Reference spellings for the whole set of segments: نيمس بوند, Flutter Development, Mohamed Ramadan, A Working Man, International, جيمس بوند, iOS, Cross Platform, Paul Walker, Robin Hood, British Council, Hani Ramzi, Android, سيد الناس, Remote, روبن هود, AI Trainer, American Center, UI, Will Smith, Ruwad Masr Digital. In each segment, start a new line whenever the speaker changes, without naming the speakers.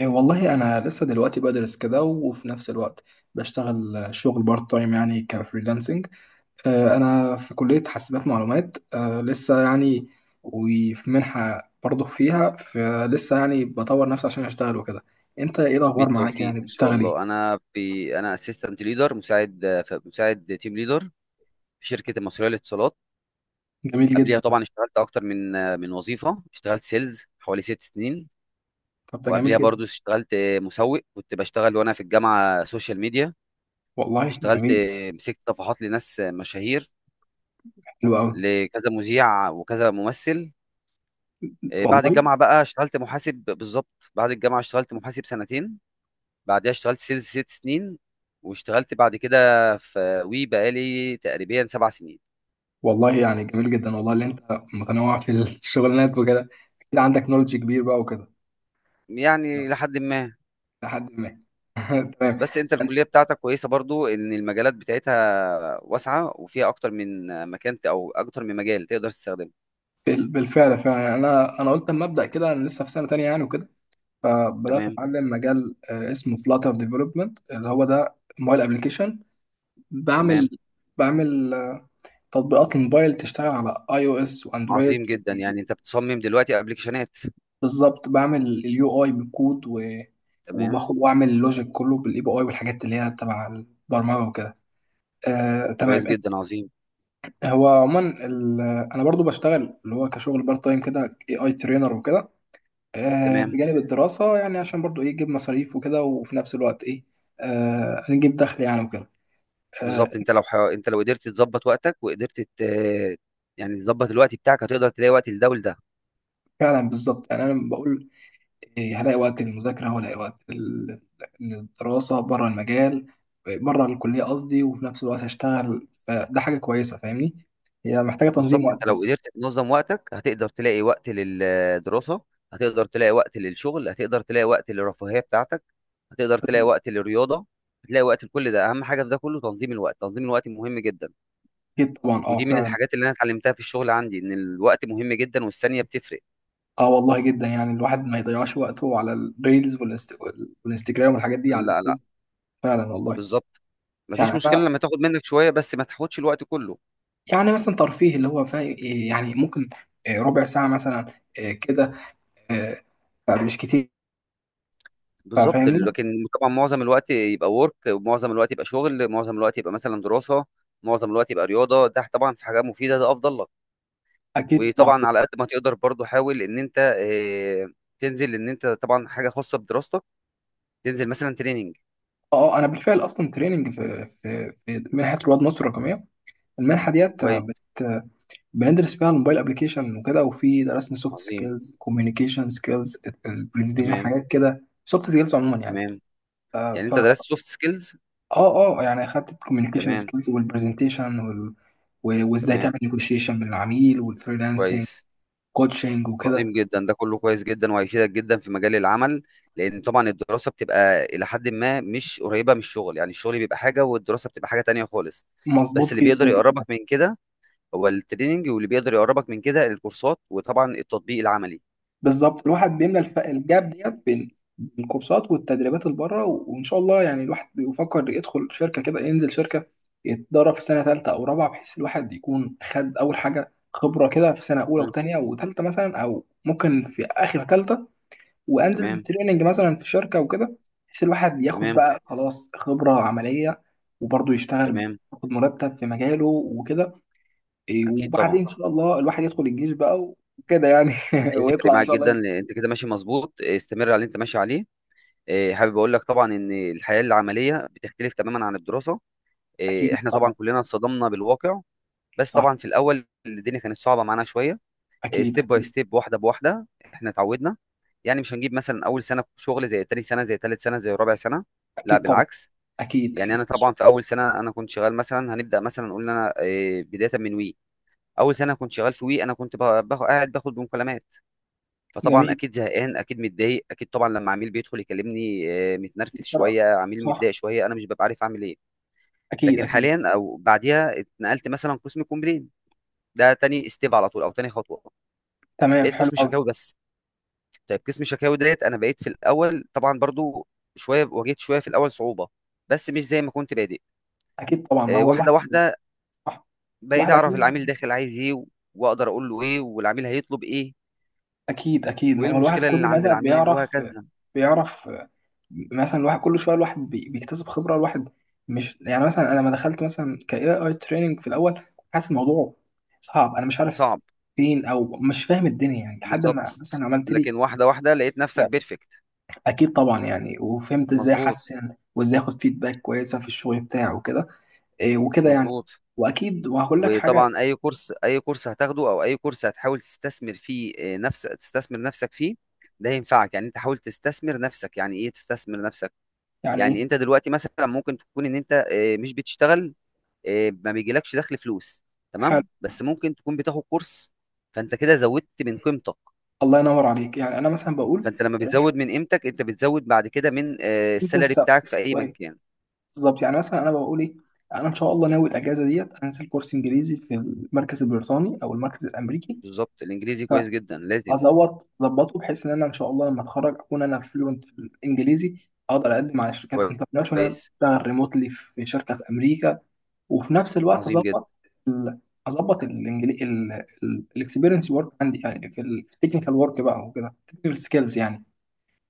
إيه والله أنا لسه دلوقتي بدرس كده وفي نفس الوقت بشتغل شغل بارت تايم يعني كفريلانسنج. أنا في كلية حاسبات معلومات، لسه يعني. وفي منحة برضه فيها فلسه، يعني بطور نفسي عشان أشتغل وكده. أنت إيه الأخبار معاك؟
بالتوفيق
يعني
ان شاء
بتشتغل إيه؟
الله انا اسيستنت ليدر مساعد تيم ليدر في شركه المصريه للاتصالات.
جميل
قبليها
جدا.
طبعا اشتغلت اكتر من وظيفه، اشتغلت سيلز حوالي ست سنين،
طب ده جميل
وقبليها
جدا.
برضو اشتغلت مسوق، كنت بشتغل وانا في الجامعه سوشيال ميديا،
والله
اشتغلت
جميل.
مسكت صفحات لناس مشاهير،
حلو أوي.
لكذا مذيع وكذا ممثل. بعد
والله.
الجامعه بقى اشتغلت محاسب، بالظبط بعد الجامعه اشتغلت محاسب سنتين، بعدها اشتغلت سيلز ست سنين، واشتغلت بعد كده في وي بقالي تقريبا سبع سنين،
والله يعني جميل جدا والله، اللي أنت متنوع في الشغلانات وكده. أكيد عندك نولج كبير بقى وكده.
يعني لحد ما.
لحد ما. تمام.
بس انت الكلية بتاعتك كويسة برضو، ان المجالات بتاعتها واسعة وفيها اكتر من مكان او اكتر من مجال تقدر تستخدمه.
بالفعل فعلا، يعني انا قلت اما ابدا كده، انا لسه في سنه تانية يعني وكده. فبدات
تمام،
اتعلم مجال اسمه فلاتر ديفلوبمنت، اللي هو ده موبايل ابلكيشن. بعمل
تمام.
بعمل تطبيقات الموبايل تشتغل على اي او اس واندرويد.
عظيم جدا، يعني انت بتصمم دلوقتي ابلكيشنات.
بالظبط، بعمل اليو اي بالكود
تمام،
وباخد واعمل اللوجيك كله بالاي بي اي والحاجات اللي هي تبع البرمجه وكده. تمام.
كويس جدا، عظيم.
هو عموما ال- انا برضو بشتغل اللي هو كشغل بارت تايم كده اي اي ترينر وكده،
تمام.
بجانب الدراسة، يعني عشان برضو ايه يجيب مصاريف وكده، وفي نفس الوقت ايه نجيب دخل يعني وكده. آه،
بالظبط، انت لو قدرت تظبط وقتك وقدرت يعني تظبط الوقت بتاعك، هتقدر تلاقي وقت لده ولده.
فعلا بالظبط، يعني انا بقول إيه هلاقي وقت للمذاكرة وهلاقي وقت للدراسة بره المجال، بره الكلية قصدي، وفي نفس الوقت هشتغل، فده حاجة كويسة فاهمني. هي محتاجة تنظيم
بالظبط،
وقت
انت لو
بس.
قدرت تنظم وقتك، هتقدر تلاقي وقت للدراسة، هتقدر تلاقي وقت للشغل، هتقدر تلاقي وقت للرفاهية بتاعتك، هتقدر
بس
تلاقي وقت للرياضة، هتلاقي وقت لكل ده. اهم حاجة في ده كله تنظيم الوقت، تنظيم الوقت مهم جدا.
أكيد طبعا، اه
ودي من
فعلا.
الحاجات اللي انا اتعلمتها في الشغل عندي، ان الوقت مهم جدا والثانية بتفرق.
اه والله، جدا، يعني الواحد ما يضيعش وقته على الريلز والانستجرام والحاجات دي، على
لا، لا،
الفيسبوك. فعلا والله.
بالظبط. مفيش
يعني
مشكلة لما تاخد منك شوية، بس ما تاخدش الوقت كله.
يعني مثلا ترفيه اللي هو فا، يعني ممكن ربع ساعة مثلا، كده، آه، فمش كتير.
بالظبط.
فاهمني.
لكن طبعا معظم الوقت يبقى ورك، ومعظم الوقت يبقى شغل، معظم الوقت يبقى مثلا دراسة، معظم الوقت يبقى رياضة، ده طبعا في حاجة مفيدة، ده أفضل لك.
أكيد طبعا.
وطبعا على قد ما تقدر برضو حاول ان انت تنزل ان انت طبعا حاجه خاصه بدراستك، تنزل مثلا تريننج.
أه، أنا بالفعل أصلا تريننج في في منحة رواد مصر الرقمية، المنحة ديت آه،
كويس.
بت آه، بندرس فيها الموبايل أبلكيشن وكده، وفي درسنا سوفت
عظيم.
سكيلز، كوميونيكيشن سكيلز، البرزنتيشن،
تمام،
حاجات كده سوفت سكيلز عموما يعني.
تمام.
آه،
يعني انت
فا
درست سوفت سكيلز.
أه أه، يعني أخدت الكوميونيكيشن
تمام،
سكيلز والبرزنتيشن وال... وإزاي
تمام.
تعمل نيجوشيشن من العميل، والفريلانسنج
كويس.
كوتشنج وكده.
عظيم جدا، ده كله كويس جدا وهيفيدك جدا في مجال العمل. لان طبعا الدراسه بتبقى الى حد ما مش قريبه من الشغل، يعني الشغل بيبقى حاجه والدراسه بتبقى حاجه تانية خالص. بس
مظبوط
اللي
جدا.
بيقدر يقربك من كده هو التريننج، واللي بيقدر يقربك من كده الكورسات، وطبعا التطبيق العملي.
بالظبط، الواحد بيملى الجاب ديت بين الكورسات والتدريبات اللي بره، وان شاء الله يعني الواحد بيفكر يدخل شركه كده، ينزل شركه يتدرب في سنه ثالثه او رابعه، بحيث الواحد يكون خد اول حاجه خبره كده في سنه اولى
مم.
وثانيه وثالثه مثلا، او ممكن في اخر ثالثه وانزل
تمام.
تريننج مثلا في شركه وكده، بحيث الواحد ياخد
تمام.
بقى خلاص خبره عمليه، وبرضه يشتغل
تمام.
ياخد مرتب في مجاله وكده. إيه،
اكيد
وبعدين
طبعا.
ان شاء الله الواحد يدخل الجيش بقى وكده يعني.
هيفرق
ويطلع ان
معاك
شاء
جدا،
الله.
لان انت كده ماشي مظبوط، استمر على اللي انت ماشي عليه. حابب اقول لك طبعا ان الحياه العمليه بتختلف تماما عن الدراسه.
اكيد
احنا
طبعا.
طبعا كلنا اتصدمنا بالواقع. بس
صح.
طبعا في الاول الدنيا كانت صعبه معانا شويه.
اكيد
ستيب باي
اكيد.
ستيب، واحده بواحده، احنا اتعودنا. يعني مش هنجيب مثلا اول سنه شغل زي تاني سنه، زي تالت سنه، زي رابع سنه، لا
اكيد طبعا.
بالعكس.
اكيد
يعني
اكيد.
انا طبعا في اول سنه، انا كنت شغال مثلا، هنبدا مثلا نقول إن انا بدايه من وي. اول سنه كنت شغال في وي، انا كنت باخد، قاعد باخد بمكالمات، فطبعًا
جميل.
أكيد زهقان، أكيد متضايق، أكيد طبعًا لمّا عميل بيدخل يكلمني متنرفز شوية، عميل
صح.
متضايق شوية، أنا مش بابقى عارف أعمل إيه.
اكيد
لكن
اكيد.
حاليًا أو بعديها اتنقلت مثلًا قسم complain، ده تاني step على طول، أو تاني خطوة،
تمام،
بقيت
حلو
قسم
قوي.
شكاوي بس. طيب قسم شكاوي ديّة، أنا بقيت في الأول طبعًا برضه شوية، واجهت شوية في الأول صعوبة، بس مش زي ما كنت بادئ.
اكيد طبعا، ما هو الواحد.
واحدة، واحدة
صح.
بقيت
واحد
أعرف العميل
اكيد.
داخل عايز إيه، وأقدر أقول له إيه، والعميل هيطلب إيه،
اكيد اكيد، ما
وإيه
هو الواحد
المشكلة
كل
اللي عند
مدى
العميل
بيعرف.
وهكذا.
بيعرف مثلا الواحد كل شويه، الواحد بيكتسب خبره، الواحد مش يعني مثلا، انا لما دخلت مثلا ك إيه اي تريننج في الاول، كنت حاسس الموضوع صعب، انا مش عارف
صعب.
فين، او مش فاهم الدنيا يعني، لحد ما
بالظبط.
مثلا عملت لي.
لكن واحدة واحدة لقيت نفسك
لا،
بيرفكت.
اكيد طبعا، يعني وفهمت ازاي
مظبوط.
احسن، وازاي اخد فيدباك كويسه في الشغل بتاعي وكده. إيه وكده يعني.
مظبوط.
واكيد وهقول لك حاجه.
وطبعا اي كورس هتاخده، او اي كورس هتحاول تستثمر فيه، آه، نفس تستثمر نفسك فيه، ده ينفعك. يعني انت حاول تستثمر نفسك. يعني ايه تستثمر نفسك؟
يعني
يعني
ايه.
انت دلوقتي مثلا ممكن تكون ان انت مش بتشتغل، ما بيجيلكش دخل، فلوس.
حلو.
تمام. بس ممكن تكون بتاخد كورس، فانت كده زودت من قيمتك.
الله ينور عليك، يعني انا مثلا بقول
فانت لما
الواحد-
بتزود من قيمتك، انت بتزود بعد كده من
انت
السالري بتاعك في اي مكان.
بالظبط، يعني مثلا انا بقول ايه، انا ان شاء الله ناوي الاجازه ديت انزل كورس انجليزي في المركز البريطاني او المركز الامريكي،
بالظبط، الانجليزي كويس جدا، لازم.
فازوط اظبطه بحيث ان انا ان شاء الله لما اتخرج اكون انا فلوينت في الانجليزي، اقدر اقدم على شركات انترناشونال،
كويس.
اشتغل ريموتلي في شركه في امريكا، وفي نفس الوقت
عظيم جدا.
اظبط ال- اظبط الاكسبيرينس ورك عندي، يعني في التكنيكال ورك بقى وكده، التكنيكال سكيلز يعني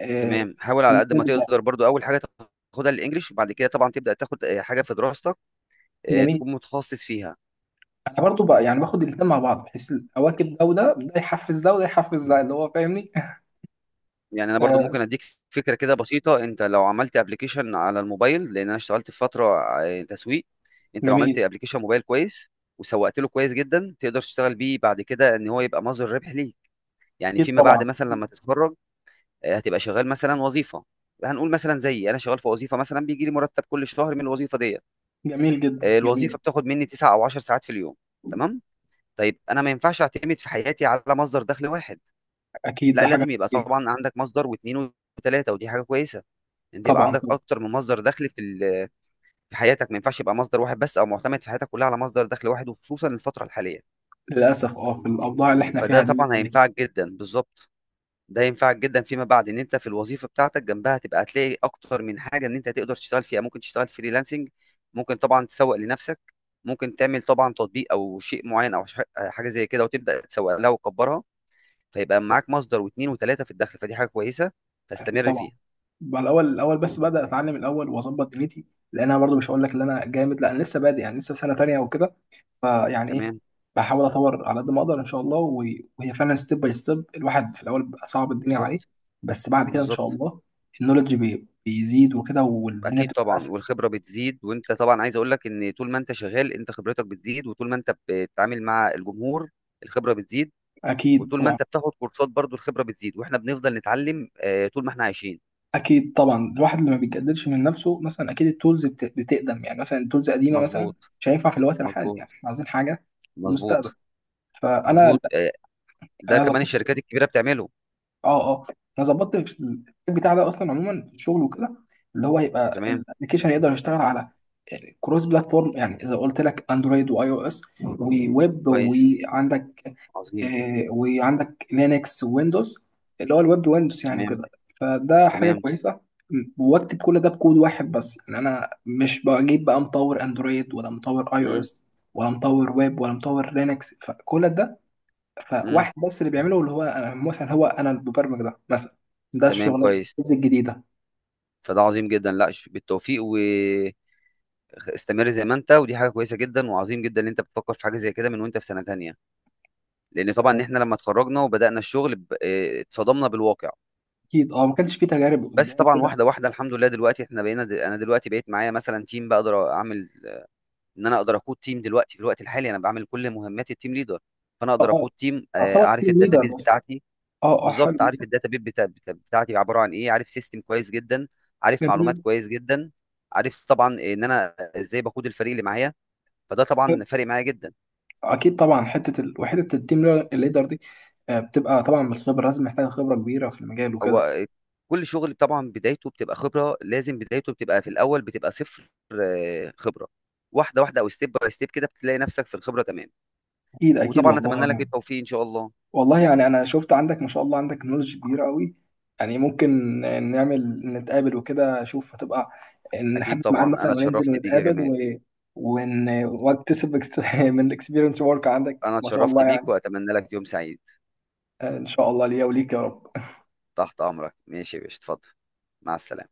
آه،
تمام، حاول
في
على قد ما
المجال بتاعي.
تقدر برضو اول حاجه تاخدها الانجليش، وبعد كده طبعا تبدا تاخد حاجه في دراستك،
جميل.
تكون متخصص فيها.
انا برضو بقى يعني باخد الاثنين مع بعض، بحيث اواكب ده وده، ده يحفز ده وده يحفز ده، اللي هو فاهمني.
يعني انا برضو
آه.
ممكن اديك فكره كده بسيطه. انت لو عملت ابلكيشن على الموبايل، لان انا اشتغلت في فتره تسويق، انت لو عملت
جميل.
ابلكيشن موبايل كويس وسوقت له كويس جدا، تقدر تشتغل بيه بعد كده، ان هو يبقى مصدر ربح ليك. يعني
اكيد
فيما بعد،
طبعا.
مثلا لما تتخرج، هتبقى شغال مثلا وظيفه، هنقول مثلا زيي انا شغال في وظيفه، مثلا بيجي لي مرتب كل شهر من الوظيفه ديت،
جميل جدا، جميل.
الوظيفه بتاخد مني 9 او 10 ساعات في اليوم. تمام. طيب انا ما ينفعش اعتمد في حياتي على مصدر دخل واحد،
اكيد
لا،
ده حاجه.
لازم يبقى
أكيد.
طبعا عندك مصدر واثنين وثلاثه. ودي حاجه كويسه، انت يبقى
طبعا.
عندك اكتر من مصدر دخل في في حياتك، ما ينفعش يبقى مصدر واحد بس، او معتمد في حياتك كلها على مصدر دخل واحد، وخصوصا الفتره الحاليه.
للاسف، اه، في الاوضاع اللي احنا
فده
فيها
طبعا
دي.
هينفعك جدا. بالظبط. ده ينفعك جدا فيما بعد، ان انت في الوظيفه بتاعتك جنبها تبقى هتلاقي اكتر من حاجه ان انت تقدر تشتغل فيها. ممكن تشتغل فريلانسنج، ممكن طبعا تسوق لنفسك، ممكن تعمل طبعا تطبيق او شيء معين، او حاجه زي كده وتبدا تسوق لها وتكبرها. فيبقى معاك مصدر واثنين وثلاثه في الدخل، فدي حاجه كويسه،
اكيد
فاستمر
طبعا.
فيها.
بقى الاول الاول بس، بدا اتعلم الاول واظبط دنيتي، لان انا برضو مش هقول لك ان انا جامد، لا انا لسه بادئ يعني، لسه في سنه تانيه وكده. فيعني ايه،
تمام.
بحاول اطور على قد ما اقدر ان شاء الله، وهي فعلا ستيب باي ستيب، الواحد في الاول بيبقى صعب الدنيا عليه،
بالظبط.
بس بعد كده ان شاء
بالظبط.
الله النولج بيزيد وكده، والدنيا
اكيد
بتبقى
طبعا
اسهل.
والخبره بتزيد. وانت طبعا عايز اقول لك ان طول ما انت شغال، انت خبرتك بتزيد، وطول ما انت بتتعامل مع الجمهور الخبره بتزيد،
اكيد
وطول ما
طبعا.
انت بتاخد كورسات برضو الخبرة بتزيد، واحنا بنفضل نتعلم طول ما احنا عايشين.
اكيد طبعا، الواحد اللي ما بيتجددش من نفسه مثلا، اكيد التولز بتقدم، يعني مثلا التولز قديمه مثلا
مظبوط.
مش هينفع في الوقت الحالي، يعني
مظبوط.
احنا عاوزين حاجه في
مظبوط.
المستقبل. فانا،
مظبوط. ده
انا
كمان
ظبطت.
الشركات الكبيرة بتعمله.
اه اه. انا ظبطت في التيم بتاع ده اصلا عموما في الشغل وكده، اللي هو يبقى
تمام.
الابلكيشن يقدر يشتغل على كروس بلاتفورم، يعني اذا قلت لك اندرويد واي او اس وويب،
كويس.
وعندك
عظيم.
وعندك لينكس وويندوز، اللي هو الويب ويندوز يعني
تمام،
وكده. فده حاجه
تمام.
كويسه. واكتب كل ده بكود واحد بس، يعني انا مش بجيب بقى مطور اندرويد ولا مطور اي او
امم
اس ولا مطور ويب ولا مطور لينكس، فكل ده
امم
فواحد بس اللي بيعمله، اللي هو انا مثلا، هو انا المبرمج ده مثلا، ده
تمام.
الشغل
كويس.
الجزء الجديده.
فده عظيم جدا، لا، بالتوفيق واستمر زي ما انت. ودي حاجة كويسة جدا، وعظيم جدا ان انت بتفكر في حاجة زي كده من وانت في سنة تانية. لان طبعا احنا لما اتخرجنا وبدأنا الشغل اتصدمنا بالواقع.
اكيد اه، ما كانش فيه تجارب
بس
قدام
طبعا
كده.
واحده واحده الحمد لله دلوقتي احنا انا دلوقتي بقيت معايا مثلا تيم، بقدر اعمل ان انا اقدر اقود تيم دلوقتي. في الوقت الحالي انا بعمل كل مهمات التيم ليدر، فانا
اه
اقدر
اه،
اقود تيم،
تعتبر
اعرف
تيم ليدر
الداتابيز
بس.
بتاعتي.
اه اه، حلو،
بالظبط، عارف الداتابيز بتاعتي عباره عن ايه، عارف سيستم كويس جدا، عارف معلومات
جميل.
كويس جدا، عارف طبعا ان انا ازاي بقود الفريق اللي معايا. فده طبعا فارق معايا جدا.
اكيد طبعا، حته ال... وحته التيم ليدر دي بتبقى طبعا من الخبره، لازم محتاجه خبره كبيره في المجال وكده.
هو كل شغل طبعا بدايته بتبقى خبرة، لازم بدايته بتبقى في الأول بتبقى صفر خبرة، واحدة واحدة أو ستيب باي ستيب كده بتلاقي نفسك في الخبرة. تمام.
اكيد اكيد
وطبعا
والله
أتمنى لك
يعني.
التوفيق إن شاء الله.
والله يعني انا شفت عندك ما شاء الله، عندك نولج كبيره قوي، يعني ممكن نعمل نتقابل وكده، اشوف هتبقى،
أكيد
نحدد ميعاد
طبعا،
مثلا
أنا
وننزل
اتشرفت بيك يا
ونتقابل
جمال.
واكتسب من الاكسبيرينس ورك عندك
أنا
ما شاء
اتشرفت
الله
بيك
يعني.
وأتمنى لك يوم سعيد.
ان شاء الله ليا وليك يا رب.
تحت أمرك، ماشي يا باشا، اتفضل. مع السلامة.